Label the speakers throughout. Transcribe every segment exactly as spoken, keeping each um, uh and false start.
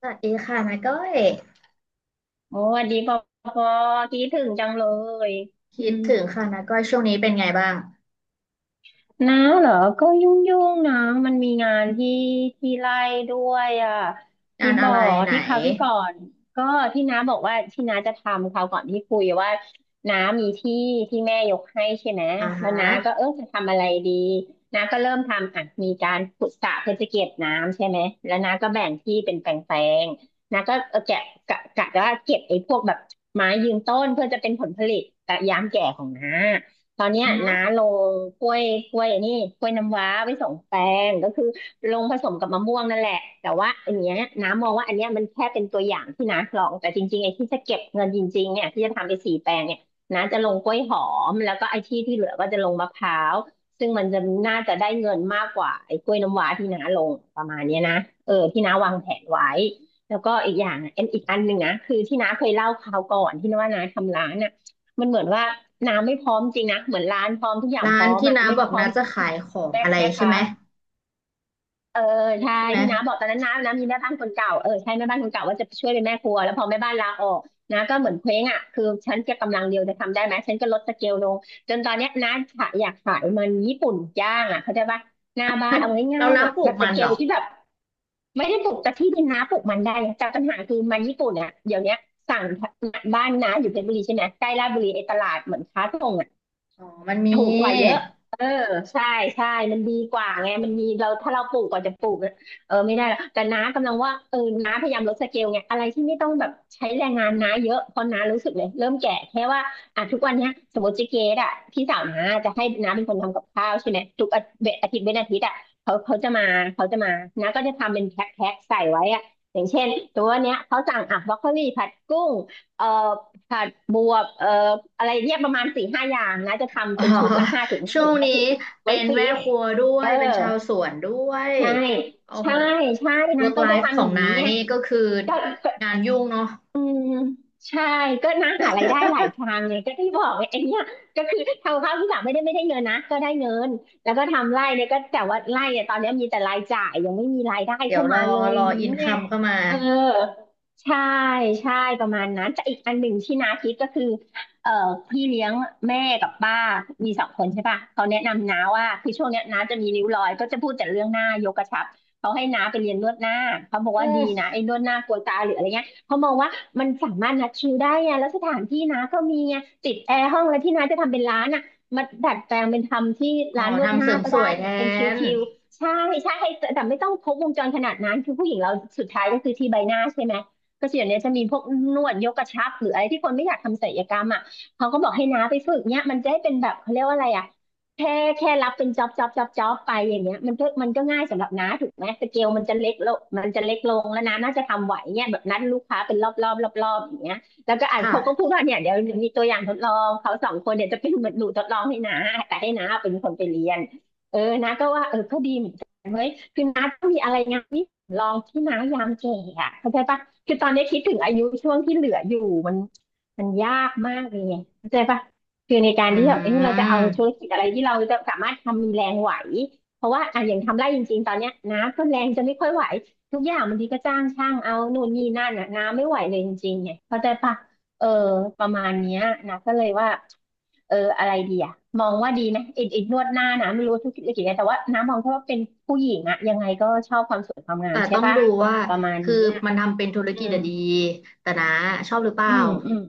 Speaker 1: สวัสดีค่ะนาก้อย
Speaker 2: โอ้ดีพอพอคิดถึงจังเลยอื
Speaker 1: คิด
Speaker 2: ม
Speaker 1: ถึงค่ะนาก้อยช่วงนี้เป็นไงบ้าง
Speaker 2: นาเหรอก็ยุ่งยุ่งนะมันมีงานที่ที่ไล่ด้วยอ่ะ
Speaker 1: งา
Speaker 2: ที่
Speaker 1: น
Speaker 2: บ
Speaker 1: อะ
Speaker 2: อ
Speaker 1: ไร
Speaker 2: ก
Speaker 1: ไหน
Speaker 2: ที่คราวที่ก่อนก็ที่น้าบอกว่าที่น้าจะทำคราวก่อนที่คุยว่าน้ามีที่ที่แม่ยกให้ใช่ไหม
Speaker 1: อ่า
Speaker 2: แล้ว
Speaker 1: ฮะ
Speaker 2: น้าก็เออจะทำอะไรดีน้าก็เริ่มทำอ่ะมีการขุดสระเพื่อจะเก็บน้ำใช่ไหมแล้วน้าก็แบ่งที่เป็นแปลงๆ น้าก็เออแกะกะกะว่าเก็บไอ้พวกแบบไม้ยืนต้นเพื่อจะเป็นผลผลิตแต่ยามแก่ของน้า ตอนเนี้ย
Speaker 1: อือฮึ
Speaker 2: น้าลงกล้วยกล้วยอันนี่กล้วยน้ำว้าไปสองแปลงก็คือลงผสมกับมะม่วงนั่นแหละแต่ว่าอันเนี้ยน้ามองว่าอันเนี้ยมันแค่เป็นตัวอย่างที่น้าลองแต่จริงๆไอ้ที่จะเก็บเงินจริงๆเนี่ยที่จะทำไปสี่แปลงเนี่ยน้าจะลงกล้วยหอมแล้วก็ไอ้ที่ที่เหลือก็จะลงมะพร้าวซึ่งมันจะน่าจะได้เงินมากกว่าไอ้กล้วยน้ำว้าที่น้าลงประมาณเนี้ยนะเออที่น้าวางแผนไว้แล้วก็อีกอย่างอะเอ็นอีกอันหนึ่งนะคือที่น้าเคยเล่าคราวก่อนที่น้าว่าน้าทำร้านอ่ะมันเหมือนว่า น้ำไม่พร้อมจริงนะเหมือนร้านพร้อมทุกอย่างพ
Speaker 1: ร้า
Speaker 2: ร้
Speaker 1: น
Speaker 2: อม
Speaker 1: ที่
Speaker 2: อ่ะ
Speaker 1: น้า
Speaker 2: ไม่
Speaker 1: บอก
Speaker 2: พร้อ
Speaker 1: น้า
Speaker 2: ม
Speaker 1: จะขายของ
Speaker 2: แม่
Speaker 1: อะไร
Speaker 2: แม่
Speaker 1: ใช่
Speaker 2: ค้า
Speaker 1: ไหม
Speaker 2: เออใช่
Speaker 1: ใช่ไหม
Speaker 2: ที่น้าบอกตอนนั้นน้าน้ามีแม่บ้านคนเก่าเออใช่แม่บ้านคนเก่าว่าจะช่วยเป็นแม่ครัวแล้วพอแม่บ้านลาออกนาก็เหมือนเคว้งอ่ะคือฉันจะกำลังเดียวจะทำได้ไหมฉันก็ลดสเกลลงจนตอนเนี้ยน้าขายอยากขายมันญี่ปุ่นย่างอ่ะเข้าใจปะหน้าบ้านเอา
Speaker 1: แล้
Speaker 2: ง่า
Speaker 1: ว
Speaker 2: ยๆ
Speaker 1: น้า
Speaker 2: แบบ
Speaker 1: ปลู
Speaker 2: แบ
Speaker 1: ก
Speaker 2: บส
Speaker 1: มัน
Speaker 2: เก
Speaker 1: เหร
Speaker 2: ล
Speaker 1: อ
Speaker 2: ที่แบบไม่ได้ปลูกแต่ที่ดินน้าปลูกมันได้นะแต่ปัญหาคือมันญี่ปุ่นอ่ะเดี๋ยวเนี้ยสั่งบ้านน้าอยู่เพชรบุรีใช่ไหมใกล้ลาดบุรีไอ้ตลาดเหมือนค้าส่งอะ
Speaker 1: อ๋อมันมี
Speaker 2: ถูกกว่าเยอะเออใช่ใช่มันดีกว่าไง มันมีเราถ้าเราปลูกกว่าจะปลูกอะเออไม่ได้หรอกแต่น้ากำลังว่าเออน้าพยายามลดสเกลไง อะไรที่ไม่ต้องแบบใช้แรงงานน้าเยอะเพราะน้ารู้สึกเลยเริ่มแก่แค่ว่าอ่ะทุกวันเนี้ยสมมติเจ๊เกดอะพี่สาวน้าจะให้น้าเป็นคนทำกับข้าวใช่ไหมทุกอาทิตย์อาทิตย์เว้นอาทิตย์อะเขาเขาจะมาเขาจะมา น้าก็จะทำเป็นแพ็คแพ็คใส่ไว้อะอย่างเช่นตัวเนี้ยเขาสั่งอ่ะบรอกโคลีผัดกุ้งเอ่อ ผัดบวบเอ่ออะไรเนี่ยประมาณสี่ห้าอย่างนะจะทำ
Speaker 1: อ๋อ
Speaker 2: เป็นชุดละห้าถุงห้า
Speaker 1: ช่ว
Speaker 2: ถุง
Speaker 1: ง
Speaker 2: ห้า
Speaker 1: นี้
Speaker 2: ถุง
Speaker 1: เป็
Speaker 2: ไว้
Speaker 1: น
Speaker 2: ฟรี
Speaker 1: แม่
Speaker 2: ซ
Speaker 1: ครัวด้ว
Speaker 2: เอ
Speaker 1: ย
Speaker 2: อ
Speaker 1: เป็นชาวสวนด้วย
Speaker 2: ใช่
Speaker 1: โอ้
Speaker 2: ใช่
Speaker 1: โห
Speaker 2: ใช่นะ
Speaker 1: work
Speaker 2: ก็จะ
Speaker 1: life ข
Speaker 2: ทำอ
Speaker 1: อง
Speaker 2: ย่าง
Speaker 1: น้า
Speaker 2: นี้เนี่ย
Speaker 1: นี่ก็คือ
Speaker 2: ก็
Speaker 1: งานยุ่งเนาะ
Speaker 2: อืมใช่ก็นะหารายได้หลายทางไงก็ที่บอกไงไอ้เนี่ยก็คือทำข้าวที่แบบไม่ได้ไม่ได้เงินนะก็ได้เงินแล้วก็ทำไร่เนี่ยก็แต่ว่าไร่เนี่ยตอนเนี้ยมีแต่รายจ่ายยังไม่มีรายได้
Speaker 1: เดี๋ย
Speaker 2: เข้า
Speaker 1: วร
Speaker 2: มา
Speaker 1: อ
Speaker 2: เลย
Speaker 1: รออิน
Speaker 2: เนี่
Speaker 1: คั
Speaker 2: ย
Speaker 1: มเข้ามา
Speaker 2: เออใช่ใช่ประมาณนั้นแต่อีกอันหนึ่งที่น้าคิดก็คือเอ่อพี่เลี้ยงแม่กับป้ามีสองคนใช่ป่ะเขาแนะนำน้าว่าคือช่วงเนี้ยน้าจะมีริ้วรอยก็จะพูดแต่เรื่องหน้ายกกระชับเขาให้น้าไปเรียนนวดหน้าเขาบอก
Speaker 1: อื
Speaker 2: ว่าดี
Speaker 1: ม
Speaker 2: นะไอ้นวดหน้ากลัวตาหรืออะไรเงี้ยเขามองว่า มันสามารถนัดคิวได้ไงแล้วสถานที่นะก็มีไงติดแอร์ห้องแล้วที่น้าจะทำเป็นร้านอ่ะมาดัดแปลงเป็นทำที่
Speaker 1: อ๋อ
Speaker 2: ร้านนวดห
Speaker 1: ทำเส
Speaker 2: น้า
Speaker 1: ริม
Speaker 2: ก็
Speaker 1: ส
Speaker 2: ได้
Speaker 1: วยแท
Speaker 2: ไงเป็นค
Speaker 1: น
Speaker 2: ิวๆใช่ใช่แต่แต่ไม่ต้องครบวงจรขนาดนั้นคือผู้หญิงเราสุดท้ายก็คือที่ใบหน้าใช่ไหมก็ส่วนเนี้ยจะมีพวกนวดยกกระชับหรืออะไรที่คนไม่อยากทำศัลยกรรมอ่ะเขาก็บอกให้น้าไปฝึกเนี้ยมันจะให้เป็นแบบเขาเรียกว่าอะไรอ่ะ แค่แค่รับเป็นจ็อบจ็อบจ็อบจ็อบไปอย่างเงี้ยมันก็มันก็ง่ายสำหรับน้าถูกไหมสเกลมันจะเล็กลงมันจะเล็กลงแล้วน้าน่าจะทำไหวเนี่ยแบบนัดลูกค้าเป็นรอบรอบรอบรอบอย่างเงี้ยแล้วก็อ่านเขาก็พู
Speaker 1: ค่ะ
Speaker 2: ดว่าเนี่ยเดี๋ยวมีตัวอย่างทดลองเขาสองคนเนี่ยจะเป็นเหมือนหนูทดลองให้น้าแต่ให้น้าเป็นคนไปเรียนเออน้าก็ว่าเออก็ดีเหมือนกันเว้ยคือน้าต้องมีอะไรงานที่ลองที่น้ายามแก่อะเข้าใจปะคือตอนนี้คิดถึงอายุช่วงที่เหลืออยู่มันมันยากมากเลยเข้าใจปะ คือในการ
Speaker 1: อื
Speaker 2: ที่แบบเอ้ยเราจะเอาธุร
Speaker 1: ม
Speaker 2: กิจอะไรที่เราจะสามารถทำมีแรงไหวเพราะว่าอ่ะอย่างทำไร่จริงๆตอนเนี้ยน้ำก็แรงจะไม่ค่อยไหวทุกอย่างบางทีก็จ้างช่าง เอานู่นนี่นั่นอ่ะน้ำไม่ไหวเลยจริงๆไงเข้าใจปะเออประมาณเนี้ยนะก็เลยว่าเอออะไรดีอ่ะมองว่าดีนะไอ้ไอ้นวดหน้านะไม่รู้ธุรกิจอะไรแต่ว่าน้ำมองแค่ว่าเป็นผู้หญิงอ่ะยังไงก็ชอบความสวยความงา
Speaker 1: แต่
Speaker 2: มใช่
Speaker 1: ต้อง
Speaker 2: ปะ
Speaker 1: ดูว่า
Speaker 2: ประมาณ
Speaker 1: คือ
Speaker 2: เนี้ย
Speaker 1: มันทำเป็นธุร
Speaker 2: อื
Speaker 1: กิจ
Speaker 2: ม
Speaker 1: อะดีแต่นะชอบหรือเปล่า
Speaker 2: อืมอืม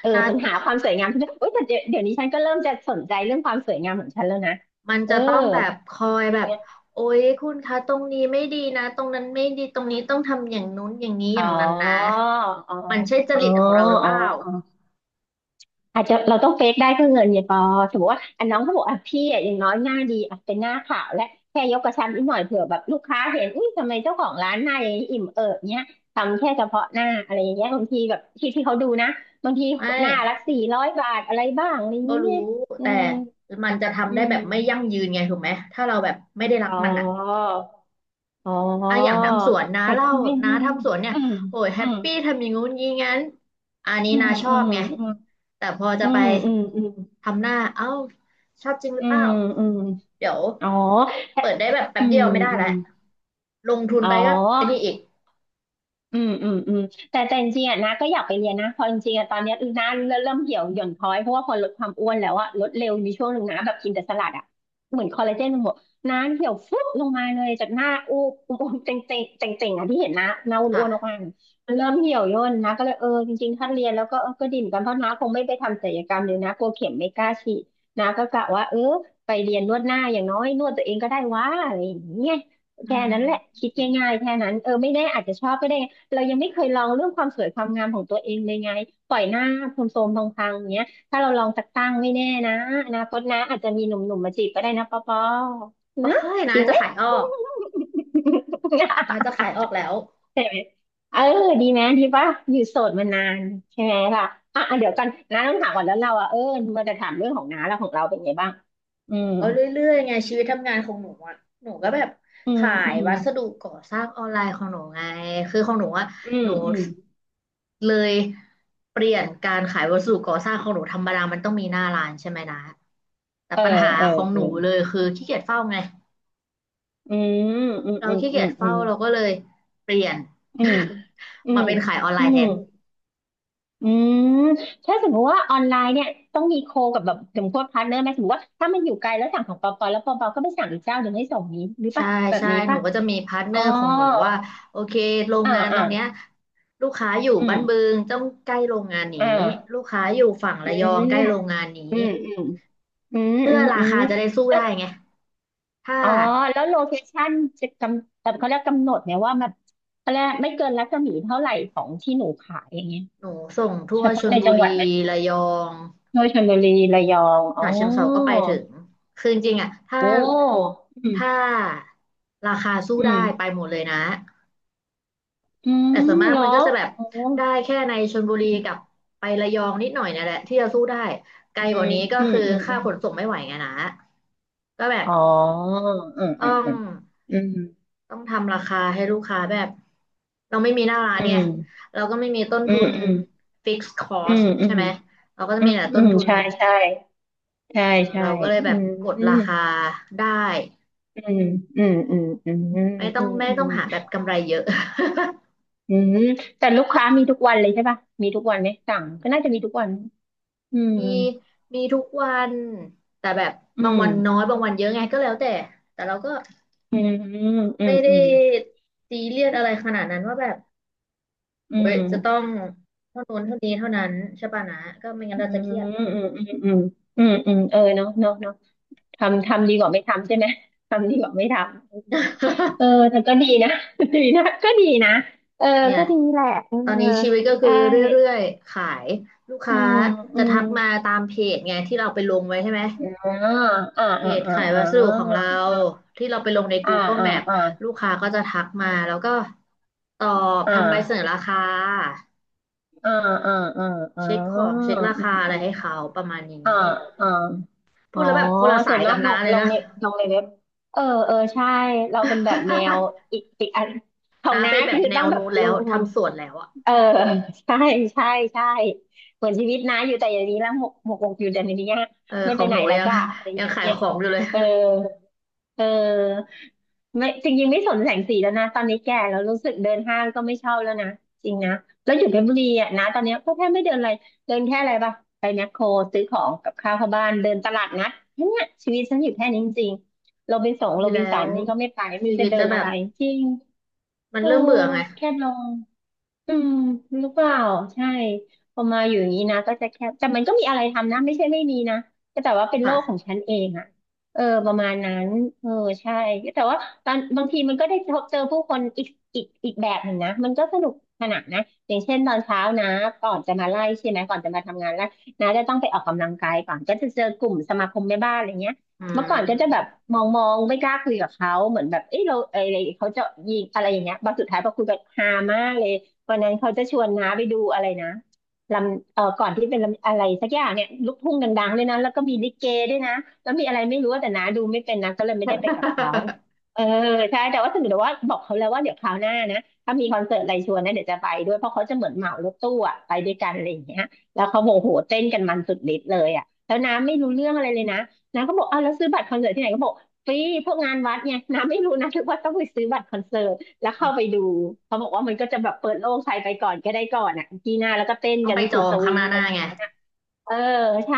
Speaker 2: เออ
Speaker 1: นะ
Speaker 2: ปัญหาความสวยงามเอ้ยแต่เดี๋ยวเดี๋ยวนี้ฉันก็เริ่มจะสนใจเรื่องความสวยงามของฉันแล้วนะ
Speaker 1: มัน
Speaker 2: เออ
Speaker 1: จะต้องแบบคอย
Speaker 2: จ
Speaker 1: แบ
Speaker 2: ริง
Speaker 1: บ
Speaker 2: อะ
Speaker 1: โอ๊ยคุณคะตรงนี้ไม่ดีนะตรงนั้นไม่ดีตรงนี้ต้องทำอย่างนู้นอย่างนี้อ
Speaker 2: อ๋อ
Speaker 1: ย่างนั้นนะ
Speaker 2: อ๋ออ๋อ
Speaker 1: มันใช่จ
Speaker 2: อ๋อ
Speaker 1: ริตของเราหรือเปล่า
Speaker 2: อ๋ออาจจะเราต้องเฟกได้เพื่อเงินเนี่ยปอสมมติว่าอันน้องเขาบอกอ่ะพี่อ่ะอย่างน้อยหน้าดีอ่ะเป็นหน้าขาวและแค่ยกกระชับนิดหน่อยเผื่อแบบลูกค้าเห็นอุ้ยทำไมเจ้าของร้านหน้าอย่างนี้อิ่มเอิบเนี้ยทำแค่เฉพาะหน้าอะไรอย่างเงี้ยบางทีแบบที่ที่เขาดูนะบางที
Speaker 1: ไม่
Speaker 2: หน้าละสี่ร้อยบาทอะไรบ้างอะไรอย่าง
Speaker 1: ก็รู้
Speaker 2: เงี้ยอื
Speaker 1: แต่
Speaker 2: ม
Speaker 1: มันจะ
Speaker 2: อื
Speaker 1: ทำได้แบ
Speaker 2: ม
Speaker 1: บไม่ยั่งยืนไงถูกไหมถ้าเราแบบไม่ได้รัก
Speaker 2: อ๋อ
Speaker 1: มันอะ
Speaker 2: อ๋อ
Speaker 1: อ่ะอย่างทำสวนนะ
Speaker 2: แต่
Speaker 1: เล่า
Speaker 2: ก็ไม่
Speaker 1: นะ
Speaker 2: อื
Speaker 1: ทำสวนเนี่ย
Speaker 2: ม
Speaker 1: โอ้ยแฮ
Speaker 2: อื
Speaker 1: ป
Speaker 2: ม
Speaker 1: ปี้ทำอย่างงู้นอย่างงี้งั้นอันนี้
Speaker 2: อื
Speaker 1: นา
Speaker 2: ม
Speaker 1: ชอ
Speaker 2: อื
Speaker 1: บไง
Speaker 2: ม
Speaker 1: แต่พอจะ
Speaker 2: อื
Speaker 1: ไป
Speaker 2: มอืมอืม
Speaker 1: ทำหน้าเอ้าชอบจริงหรื
Speaker 2: อื
Speaker 1: อเปล่า
Speaker 2: มอืมอืมอืม
Speaker 1: เดี๋ยว
Speaker 2: อ๋อแต่
Speaker 1: เปิดได้แบบแป๊
Speaker 2: อื
Speaker 1: บเดี
Speaker 2: ม
Speaker 1: ยวไม่ได้
Speaker 2: อื
Speaker 1: แล้ว
Speaker 2: ม
Speaker 1: ลงทุน
Speaker 2: อ๋
Speaker 1: ไป
Speaker 2: อ
Speaker 1: ก็ไอันนี้อีก
Speaker 2: อืมอืมอืมแต่แต่จริงๆอ่ะนะก็อยากไปเรียนนะเพอจริงๆอ่ะตอนเนี้ยอือนะเริ่มเริ่มเหี่ยวหย่อนคล้อยเพราะว่าพอลดความอ้วนแล้วอ่ะลดเร็วมีช่วงหนึ่งนะแบบกินแต่สลัดอ่ะเหมือนคอลลาเจนมันหมดนะเหี่ยวฟุบลงมาเลยจากหน้าอูบอูบเจ๋งเจ๋งเจ๋งเจ๋งๆอ่ะที่เห็นนะหน้าอ้วนๆออก
Speaker 1: ค่ะ
Speaker 2: มามันเริ่มเหี่ยวย่นนะก็เลยเออจริงๆถ้าเรียนแล้วก็เออก็ดิ่มอนกันเพราะน้าคงไม่ไปทำศัลยกรรมเลยนะกลัวเข็มไม่กล้าฉีดนะก็กะว่าเออไปเรียนนวดหน้าอย่างน้อยนวดตัวเองก็ได้วะอะไรอย่างเงี้ย
Speaker 1: อื
Speaker 2: แค่นั้นแหละ
Speaker 1: ม
Speaker 2: คิดง่ายๆแค่นั้นเออไม่แน่อาจจะชอบก็ได้ เรายังไม่เคยลองเรื่องความสวยความงามของตัวเองเลยไงปล่อยหน้าโทรมๆพังๆอย่างเงี้ยถ้าเราลองสักตั้งไม่แน่นะอนาคตนะอาจจะมีหนุ่มๆมาจีบก็ได้นะปอปอ
Speaker 1: โอ้
Speaker 2: นะ
Speaker 1: ย
Speaker 2: จ
Speaker 1: นา
Speaker 2: ริง
Speaker 1: จะ
Speaker 2: ไหม
Speaker 1: ขายออกนาจะ ขายออกแล้ว
Speaker 2: ใช่ไหมเออดีไหมดีป่ะอยู่โสดมานานใช่ไหมล่ะอ่ะอ่ะเดี๋ยวกันน้าต้องถามก่อนแล้วเราอ่ะเออมันจะถามเรื่องของน้าแล้วของเราเป็นไงบ้างอืม
Speaker 1: ก็เรื่อยๆไงชีวิตทำงานของหนูอ่ะหนูก็แบบ
Speaker 2: อืม
Speaker 1: ขา
Speaker 2: อื
Speaker 1: ย
Speaker 2: ม
Speaker 1: วัสดุก่อสร้างออนไลน์ของหนูไงคือของหนูอ่ะ
Speaker 2: อื
Speaker 1: ห
Speaker 2: ม
Speaker 1: นู
Speaker 2: อืม
Speaker 1: เลยเปลี่ยนการขายวัสดุก่อสร้างของหนูธรรมดามันต้องมีหน้าร้านใช่ไหมนะแต่
Speaker 2: เออ
Speaker 1: ปัญหา
Speaker 2: เออ
Speaker 1: ของห
Speaker 2: เออ
Speaker 1: นูเลยคือขี้เกียจเฝ้าไง
Speaker 2: อืมอืม
Speaker 1: เรา
Speaker 2: อืม
Speaker 1: ขี้
Speaker 2: อื
Speaker 1: เกีย
Speaker 2: ม
Speaker 1: จ
Speaker 2: อื
Speaker 1: เฝ้า
Speaker 2: ม
Speaker 1: เราก็เลยเปลี่ยน
Speaker 2: อืมอื
Speaker 1: มา
Speaker 2: ม
Speaker 1: เป็นขายออนไล
Speaker 2: อื
Speaker 1: น์แท
Speaker 2: ม
Speaker 1: น
Speaker 2: อืมถ้าสมมติว่าออนไลน์เนี่ยต้องมีโคกับแบบสมมติว่าพาร์ทเนอร์ไหมสมมติว่าถ้ามันอยู่ไกลแล้วสั่งของปอปอแล้วปอปอก็ไปสั่งอีกเจ้าหนึ่งให้ส่งนี้หรือ
Speaker 1: ใช่
Speaker 2: ปะแบบ
Speaker 1: ใช่
Speaker 2: นี้
Speaker 1: หนู
Speaker 2: ปะ
Speaker 1: ก็จะมีพาร์ทเน
Speaker 2: อ๋
Speaker 1: อ
Speaker 2: อ
Speaker 1: ร์ของหนูว่าโอเคโรง
Speaker 2: อ่า
Speaker 1: งานตร
Speaker 2: อ่า
Speaker 1: งเนี้ยลูกค้าอยู่
Speaker 2: อื
Speaker 1: บ้า
Speaker 2: ม
Speaker 1: นบึงต้องใกล้โรงงานนี้
Speaker 2: อ่
Speaker 1: ลู
Speaker 2: า
Speaker 1: กค้าอยู่ฝั่ง
Speaker 2: อื
Speaker 1: ระยองใกล้โรง
Speaker 2: ม
Speaker 1: งานนี้
Speaker 2: อืมอืมอืม
Speaker 1: เพื่
Speaker 2: อื
Speaker 1: อ
Speaker 2: มอื
Speaker 1: รา
Speaker 2: ม
Speaker 1: คาจะได้สู้
Speaker 2: แล้ว
Speaker 1: ได้ไงถ้า
Speaker 2: อ๋อแล้วโลเคชั่นจะกำแต่เขาเรียกกำหนดเนี่ยว่าแบบเขาเรียกไม่เกินรัศมีเท่าไหร่ของที่หนูขายอย่างเงี้ย
Speaker 1: หนูส่งทั่
Speaker 2: เฉ
Speaker 1: วช
Speaker 2: พาะ
Speaker 1: ล
Speaker 2: ใน
Speaker 1: บุ
Speaker 2: จังห
Speaker 1: รี
Speaker 2: วัดไหม
Speaker 1: ระยอง
Speaker 2: โดยชลบุรีระยองอ๋อ
Speaker 1: ฉะเชิงเทราก็ไปถึงคือจริงๆอ่ะถ้า
Speaker 2: โอ้อืม
Speaker 1: ถ้าราคาสู้
Speaker 2: อื
Speaker 1: ได้ไป
Speaker 2: ม
Speaker 1: หมดเลยนะ
Speaker 2: อื
Speaker 1: แต่ส่ว
Speaker 2: ม
Speaker 1: นมาก
Speaker 2: เหรอ
Speaker 1: มันก็จะแบบ
Speaker 2: โออ
Speaker 1: ได้แค่ในชลบุรี
Speaker 2: ื
Speaker 1: กับ
Speaker 2: ม
Speaker 1: ไประยองนิดหน่อยเนี่ยแหละที่จะสู้ได้ไกล
Speaker 2: อื
Speaker 1: กว่า
Speaker 2: ม
Speaker 1: นี้ก็
Speaker 2: อืม
Speaker 1: คือ
Speaker 2: อืมอ
Speaker 1: ค่าขน
Speaker 2: ม
Speaker 1: ส่งไม่ไหวไงนะก็แบบ
Speaker 2: อ๋ออืม
Speaker 1: ต้
Speaker 2: อื
Speaker 1: อ
Speaker 2: ม
Speaker 1: ง
Speaker 2: อืมอื
Speaker 1: ต้องทำราคาให้ลูกค้าแบบเราไม่มีหน้าร้านเนี่ย
Speaker 2: ม
Speaker 1: เราก็ไม่มีต้น
Speaker 2: อื
Speaker 1: ทุ
Speaker 2: ม
Speaker 1: น
Speaker 2: อืม
Speaker 1: fixed
Speaker 2: อื
Speaker 1: cost
Speaker 2: มอื
Speaker 1: ใช่
Speaker 2: ม
Speaker 1: ไหมเราก็จะ
Speaker 2: อื
Speaker 1: มี
Speaker 2: ม
Speaker 1: แต่
Speaker 2: อืมอื
Speaker 1: ต้น
Speaker 2: ม
Speaker 1: ทุน
Speaker 2: ใช่ใช่ใช่
Speaker 1: เออ
Speaker 2: ใช่
Speaker 1: เราก็เลยแบ
Speaker 2: อื
Speaker 1: บกดรา
Speaker 2: ม
Speaker 1: คาได้
Speaker 2: อืมอืมอืมอืมอืม
Speaker 1: ไม่ต้
Speaker 2: อื
Speaker 1: อง
Speaker 2: ม
Speaker 1: ไม่
Speaker 2: อื
Speaker 1: ต้อง
Speaker 2: ม
Speaker 1: หาแบบกำไรเยอะ
Speaker 2: อืมอืมแต่ลูกค้ามีทุกวันเลยใช่ป่ะมีทุกวันไหมสั่งก็น่าจะมีทุกวันอืม
Speaker 1: มีมีทุกวันแต่แบบ
Speaker 2: อื
Speaker 1: บาง
Speaker 2: ม
Speaker 1: วันน้อยบางวันเยอะไงก็แล้วแต่แต่เราก็
Speaker 2: อืมอืมอืม
Speaker 1: ไม่ได้
Speaker 2: อืม
Speaker 1: ซีเรียสอะไรขนาดนั้นว่าแบบ
Speaker 2: อื
Speaker 1: เว้ยจะต้อ
Speaker 2: ม
Speaker 1: งเท่านู้นเท่านี้เท่านั้นใช่ป่ะนะก็ไม่งั้น
Speaker 2: อื
Speaker 1: เรา
Speaker 2: ม
Speaker 1: จะเครียด
Speaker 2: อืมอืมอืมอืมอืมเออเนาะเนาะเนาะทำทำดีกว่าไม่ทำใช่ไหม ทำดีกว่าไม่ทำอืมเออ แต่ก็ดีนะ ดีนะก็ดีนะเออ
Speaker 1: เนี่ย
Speaker 2: ก็ดีแหละเออ
Speaker 1: ตอนนี้ชีวิตก็คือ
Speaker 2: ได้
Speaker 1: เรื่อยๆขายลูก
Speaker 2: อื
Speaker 1: ค้า
Speaker 2: มอื
Speaker 1: จะ
Speaker 2: ม
Speaker 1: ทักมาตามเพจไงที่เราไปลงไว้ใช่ไหม
Speaker 2: อ่าอ่า
Speaker 1: เพ
Speaker 2: อ่า
Speaker 1: จ
Speaker 2: อ่า
Speaker 1: ขาย
Speaker 2: อ่
Speaker 1: วัสดุของเรา
Speaker 2: า
Speaker 1: ที่เราไปลงใน
Speaker 2: อ่า
Speaker 1: Google
Speaker 2: อ่า
Speaker 1: Map ลแม
Speaker 2: อ่า
Speaker 1: พ
Speaker 2: อ่า
Speaker 1: ลูกค้าก็จะทักมาแล้วก็ตอบ
Speaker 2: อ่
Speaker 1: ทำใบเสนอ
Speaker 2: า
Speaker 1: ราคา
Speaker 2: อ่าอ่าอ่าอ่า
Speaker 1: เช็คของ
Speaker 2: อ่
Speaker 1: เช็คราคาอะไรให้เขาประมาณ
Speaker 2: าอ
Speaker 1: นี้
Speaker 2: ่า อ๋
Speaker 1: พู
Speaker 2: อ
Speaker 1: ดแล้วแบบคนละ
Speaker 2: ส่
Speaker 1: สา
Speaker 2: วน
Speaker 1: ย
Speaker 2: มา
Speaker 1: กั
Speaker 2: ก
Speaker 1: บ
Speaker 2: ล
Speaker 1: น้า
Speaker 2: ง
Speaker 1: เล
Speaker 2: ล
Speaker 1: ย
Speaker 2: ง
Speaker 1: นะ
Speaker 2: ในลงในเว็บเออเออใช่เราเป็นแบบแนวอีกอีกอันขอ ง
Speaker 1: น้า
Speaker 2: น้า
Speaker 1: ไปแบ
Speaker 2: คือ
Speaker 1: บแน
Speaker 2: ต้อง
Speaker 1: ว
Speaker 2: แบบ
Speaker 1: นู้น
Speaker 2: ล
Speaker 1: แล้ว
Speaker 2: งลง
Speaker 1: ทำสวนแล้วอ่ะ
Speaker 2: เออใช่ใช่ใช่เหมือนชีวิตน้าอยู่แต่อย่างนี้แล้วหมกหมกหมกอยู่แต่ในนี้
Speaker 1: เออ
Speaker 2: ไม่
Speaker 1: ข
Speaker 2: ไป
Speaker 1: อง
Speaker 2: ไห
Speaker 1: ห
Speaker 2: น
Speaker 1: นู
Speaker 2: แล้ว
Speaker 1: ยัง
Speaker 2: จ้ะอะไร อ
Speaker 1: ยั
Speaker 2: ย่า
Speaker 1: ง
Speaker 2: ง
Speaker 1: ขาย
Speaker 2: เงี้ย
Speaker 1: ของอยู่เลย
Speaker 2: เออเออ ไม่จริงๆไม่สนแสงสีแล้วนะตอนนี้แก่แล้วรู้สึกเดินห้างก็ไม่ชอบแล้วนะจริงนะแล้วอยู่เพชรบุรีอ่ะนะตอนเนี้ยก็แทบไม่เดินอะไรเดินแค่อะไรปะไปแมคโครซื้อของกับข้าวเข้าบ้านเดินตลาดนัดแค่เนี้ยชีวิตฉันอยู่แค่นี้จริงๆโรบินสง
Speaker 1: ดี
Speaker 2: โรบิ
Speaker 1: แล้
Speaker 2: นสัน
Speaker 1: ว
Speaker 2: นี่ก็ไม่ไปไม่
Speaker 1: ชี
Speaker 2: รู้
Speaker 1: วิ
Speaker 2: จะ
Speaker 1: ต
Speaker 2: เดิ
Speaker 1: จะ
Speaker 2: น
Speaker 1: แบ
Speaker 2: อะ
Speaker 1: บ
Speaker 2: ไรจริง
Speaker 1: มัน
Speaker 2: เออ
Speaker 1: เริ่มเบื่อไง
Speaker 2: แค่ลง อืมหรือเปล่าใช่พอมาอยู่อย่างนี้นะก็จะแค่แต่มันก็มีอะไรทำนะไม่ใช่ไม่มีนะก็แต่ว่าเป็นโลกของ
Speaker 1: ค่ะ
Speaker 2: ฉันเองอ่ะเออประมาณนั้นเออใช่แต่ว่าตอนบางทีมันก็ได้พบเจอผู้คนอีกอีกอีกแบบหนึ่งนะมันก็สนุกขนานนะอย่างเช่นตอนเช้านะก่อนจะมาไล่ใช่ไหมก่อนจะมาทำงานแล้วนะจะต้องไปออกกำลังกายก่อนก็จะเจอกลุ่มสมาคมแม่บ้านอะไรเงี้ย
Speaker 1: อื
Speaker 2: เมื่อก่อนก็จะแบบ
Speaker 1: ม
Speaker 2: มองมองไม่กล้าคุยกับเขาเหมือนแบบเอ้ยเราเอ้ยอะไรเขาจะยิงอะไรอย่างเงี้ยบางสุดท้ายพอคุยกันฮามากเลย วันนั้นเขาจะชวนน้าไปดูอะไรนะลำเออก่อนที่เป็นลำอะไรสักอย่างเนี่ยลูกทุ่งดังๆด้วยนะแล้วก็มีลิเกด้วยนะแล้วมีอะไรไม่รู้แต่น้าดูไม่เป็นนะก็เลยไม่ได้ไปกับเขา เออใช่แต่ว่าถึงแต่ว่าบอกเขาแล้วว่าเดี๋ยวคราวหน้านะถ้ามีคอนเสิร์ตอะไรชวนนะเดี๋ยวจะไปด้วยเพราะเขาจะเหมือนเหมารถตู้อะไปด้วยกันอะไรอย่างเงี้ยแล้วเขาบอกโหเต้นกันมันสุดฤทธิ์เลยอะแล้วน้าไม่รู้เรื่องอะไรเลยนะน้าก็บอกอ้าวแล้วซื้อบัตรคอนเสิร์ตที่ไหนก็บอกฟรีพวกงานวัดไงน้าไม่รู้นะถือว่าต้องไปซื้อบัตรคอนเสิร์ต แล้วเข้าไปดูเขาบอกว่ามันก็จะแบบเปิดโล่งใครไปก่อนก็ได้ก่อนอ่ะกีหน่าแล้วก็เต้น
Speaker 1: ต้อง
Speaker 2: กัน
Speaker 1: ไปจ
Speaker 2: สุ
Speaker 1: อ
Speaker 2: ด
Speaker 1: ง
Speaker 2: ส
Speaker 1: ข้า
Speaker 2: วิ
Speaker 1: งห
Speaker 2: ง
Speaker 1: น้าห
Speaker 2: กั
Speaker 1: น้า
Speaker 2: น
Speaker 1: ไง
Speaker 2: เออใช่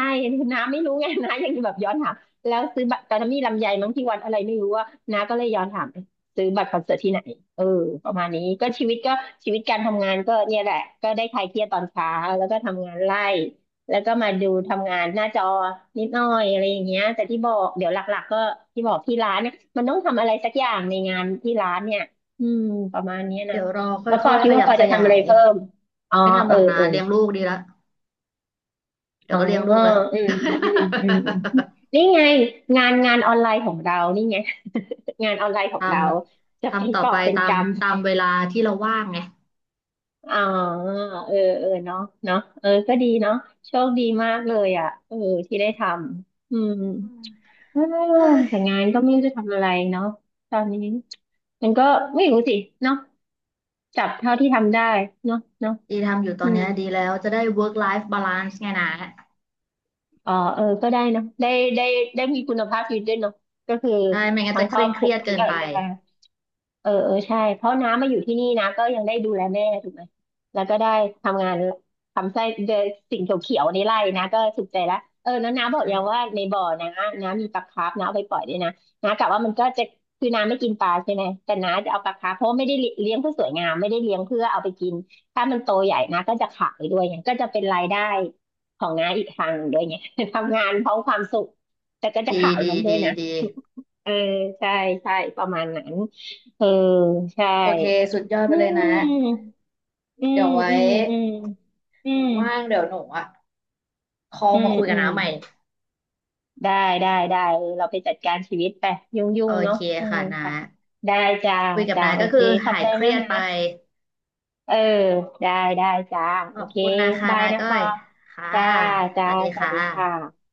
Speaker 2: น้าไม่รู้ไงน้ายังแบบย้อนถามแล้วซื้อบัตรตอนนั้นมีลำไยมั้งที่วันอะไรไม่รู้ว่าน้าก็เลยย้อนถามซื้อบัตรคอนเสิร์ตที่ไหนเออประมาณนี้ก็ชีวิตก็ชีวิตการทำงานก็เนี่ยแหละก็ได้คลายเครียดตอนเช้าแล้วก็ทำงานไล่แล้วก็มาดูทำงานหน้าจอนิดหน่อยอะไรอย่างเงี้ยแต่ที่บอกเดี๋ยวหลักๆก็ที่บอกที่ร้านเนี่ยมันต้องทำอะไรสักอย่างในงานที่ร้านเนี่ยอืมประมาณเนี้ยนะ
Speaker 1: เดี๋ยวรอค
Speaker 2: แล้วป
Speaker 1: ่
Speaker 2: อ
Speaker 1: อย
Speaker 2: คิ
Speaker 1: ๆข
Speaker 2: ดว่า
Speaker 1: ยั
Speaker 2: ป
Speaker 1: บ
Speaker 2: อ
Speaker 1: ข
Speaker 2: จะทำ
Speaker 1: ยา
Speaker 2: อะไร
Speaker 1: ย
Speaker 2: เพิ่มอ๋อ
Speaker 1: ไม่ทำห
Speaker 2: เอ
Speaker 1: ร
Speaker 2: อ
Speaker 1: อกนะ
Speaker 2: เออ
Speaker 1: เลี้ยงลูกดีละเดี๋ย
Speaker 2: อ๋อ
Speaker 1: วก็เลี้ยงลูกแล้ว
Speaker 2: อืมอืมอืมอืมอืม นี่ไงงานงานออนไลน์ของเรานี่ไงงานออนไลน์ขอ
Speaker 1: ท
Speaker 2: งเราจะ
Speaker 1: ำ
Speaker 2: เป็น
Speaker 1: ทำต่อ
Speaker 2: กอ
Speaker 1: ไป
Speaker 2: บเป็น
Speaker 1: ตาม
Speaker 2: กำ
Speaker 1: ตามเวลาที่เราว่างไง
Speaker 2: อ๋อเออเออเนาะเนาะเออก็ดีเนาะโชคดีมากเลยอ่ะเออที่ได้ทำอืม
Speaker 1: อืม
Speaker 2: เออ
Speaker 1: เฮ้ย
Speaker 2: แต่งานก็ไม่รู้จะทำอะไรเนาะตอนนี้มันก็ไม่รู้สิเนาะจับเท่าที่ทำได้เนาะเนาะ
Speaker 1: ดีทำอยู่ตอ
Speaker 2: อื
Speaker 1: น
Speaker 2: ม
Speaker 1: เนี้ยดีแล้วจะได้ work life balance ไงนะ
Speaker 2: อ๋อเออก็ได้เนอะได้ได้ได้มีคุณภาพชีวิตด้วยเนาะก็คือ
Speaker 1: ใช่ไม่งั้น
Speaker 2: ทั้
Speaker 1: จะ
Speaker 2: งค
Speaker 1: เค
Speaker 2: รอ
Speaker 1: ร่
Speaker 2: บ
Speaker 1: ง
Speaker 2: ค
Speaker 1: เค
Speaker 2: รั
Speaker 1: รี
Speaker 2: ว
Speaker 1: ยด
Speaker 2: มั
Speaker 1: เกิ
Speaker 2: น
Speaker 1: น
Speaker 2: ก็
Speaker 1: ไป
Speaker 2: ดูแลเออเออใช่ เพราะน้ามาอยู่ที่นี่นะก็ยังได้ดูแลแม่ถูกไหมแล้วก็ได้ทำงานทำไส้เดนสิ่งเขียวๆในไร่นะก็สุขใจละเออแล้วน้าบ
Speaker 1: ใ
Speaker 2: อกยังว่า
Speaker 1: ช่
Speaker 2: ในบ่อนะน้ามีปลาคาร์ฟน้าเอาไปปล่อยด้วยนะ น้ากะว่ามันก็จะคือน้าไม่กินปลาใช่ไหม แต่น้าจะเอาปลาคาร์ฟเพราะว่าไม่ได้เลี้ยงเพื่อสวยงามไม่ได้เลี้ยงเพื่อเอาไปกินถ้ามันโตใหญ่นะก็จะขายด้วยไงก็จะเป็นรายได้ ของน้าอีกทางหนึ่งด้วยไง ทำงานเพราะความสุข แต่ก็จะ
Speaker 1: ดี
Speaker 2: ขาย
Speaker 1: ดี
Speaker 2: มันด้วย
Speaker 1: ดี
Speaker 2: นะ
Speaker 1: ดี
Speaker 2: เออใช่ใช่ประมาณนั้นเออใช่
Speaker 1: โอเคสุดยอดไป
Speaker 2: อื
Speaker 1: เลยนะ
Speaker 2: มอื
Speaker 1: เดี๋
Speaker 2: ม
Speaker 1: ยวไว้
Speaker 2: อืมอืมอื
Speaker 1: หนู
Speaker 2: ม
Speaker 1: ว่างเดี๋ยวหนูอ่ะคอล
Speaker 2: อื
Speaker 1: มา
Speaker 2: ม
Speaker 1: คุย
Speaker 2: อื
Speaker 1: กับ
Speaker 2: ม
Speaker 1: น้าใหม่
Speaker 2: ได้ได้ได้เออเราไปจัดการชีวิตไปยุ่งยุ่
Speaker 1: โอ
Speaker 2: งเนาะ
Speaker 1: เค
Speaker 2: อืม
Speaker 1: ค่ะนะ
Speaker 2: ไปได้จ้า
Speaker 1: คุยกับ
Speaker 2: จ้า
Speaker 1: นาย
Speaker 2: โอ
Speaker 1: ก็
Speaker 2: เค
Speaker 1: คือ
Speaker 2: ขอบ
Speaker 1: หาย
Speaker 2: ใจ
Speaker 1: เครี
Speaker 2: มาก
Speaker 1: ยด
Speaker 2: นะ
Speaker 1: ไป
Speaker 2: เออได้ได้จ้า
Speaker 1: ข
Speaker 2: โอ
Speaker 1: อบ
Speaker 2: เค
Speaker 1: คุณนะคะ
Speaker 2: บาย
Speaker 1: นา
Speaker 2: นะ
Speaker 1: ก้อ
Speaker 2: ปอ
Speaker 1: ยค่ะ
Speaker 2: จ้า
Speaker 1: ส
Speaker 2: จ้า
Speaker 1: วัสดี
Speaker 2: สวั
Speaker 1: ค่
Speaker 2: สดีค
Speaker 1: ะ
Speaker 2: ่ะ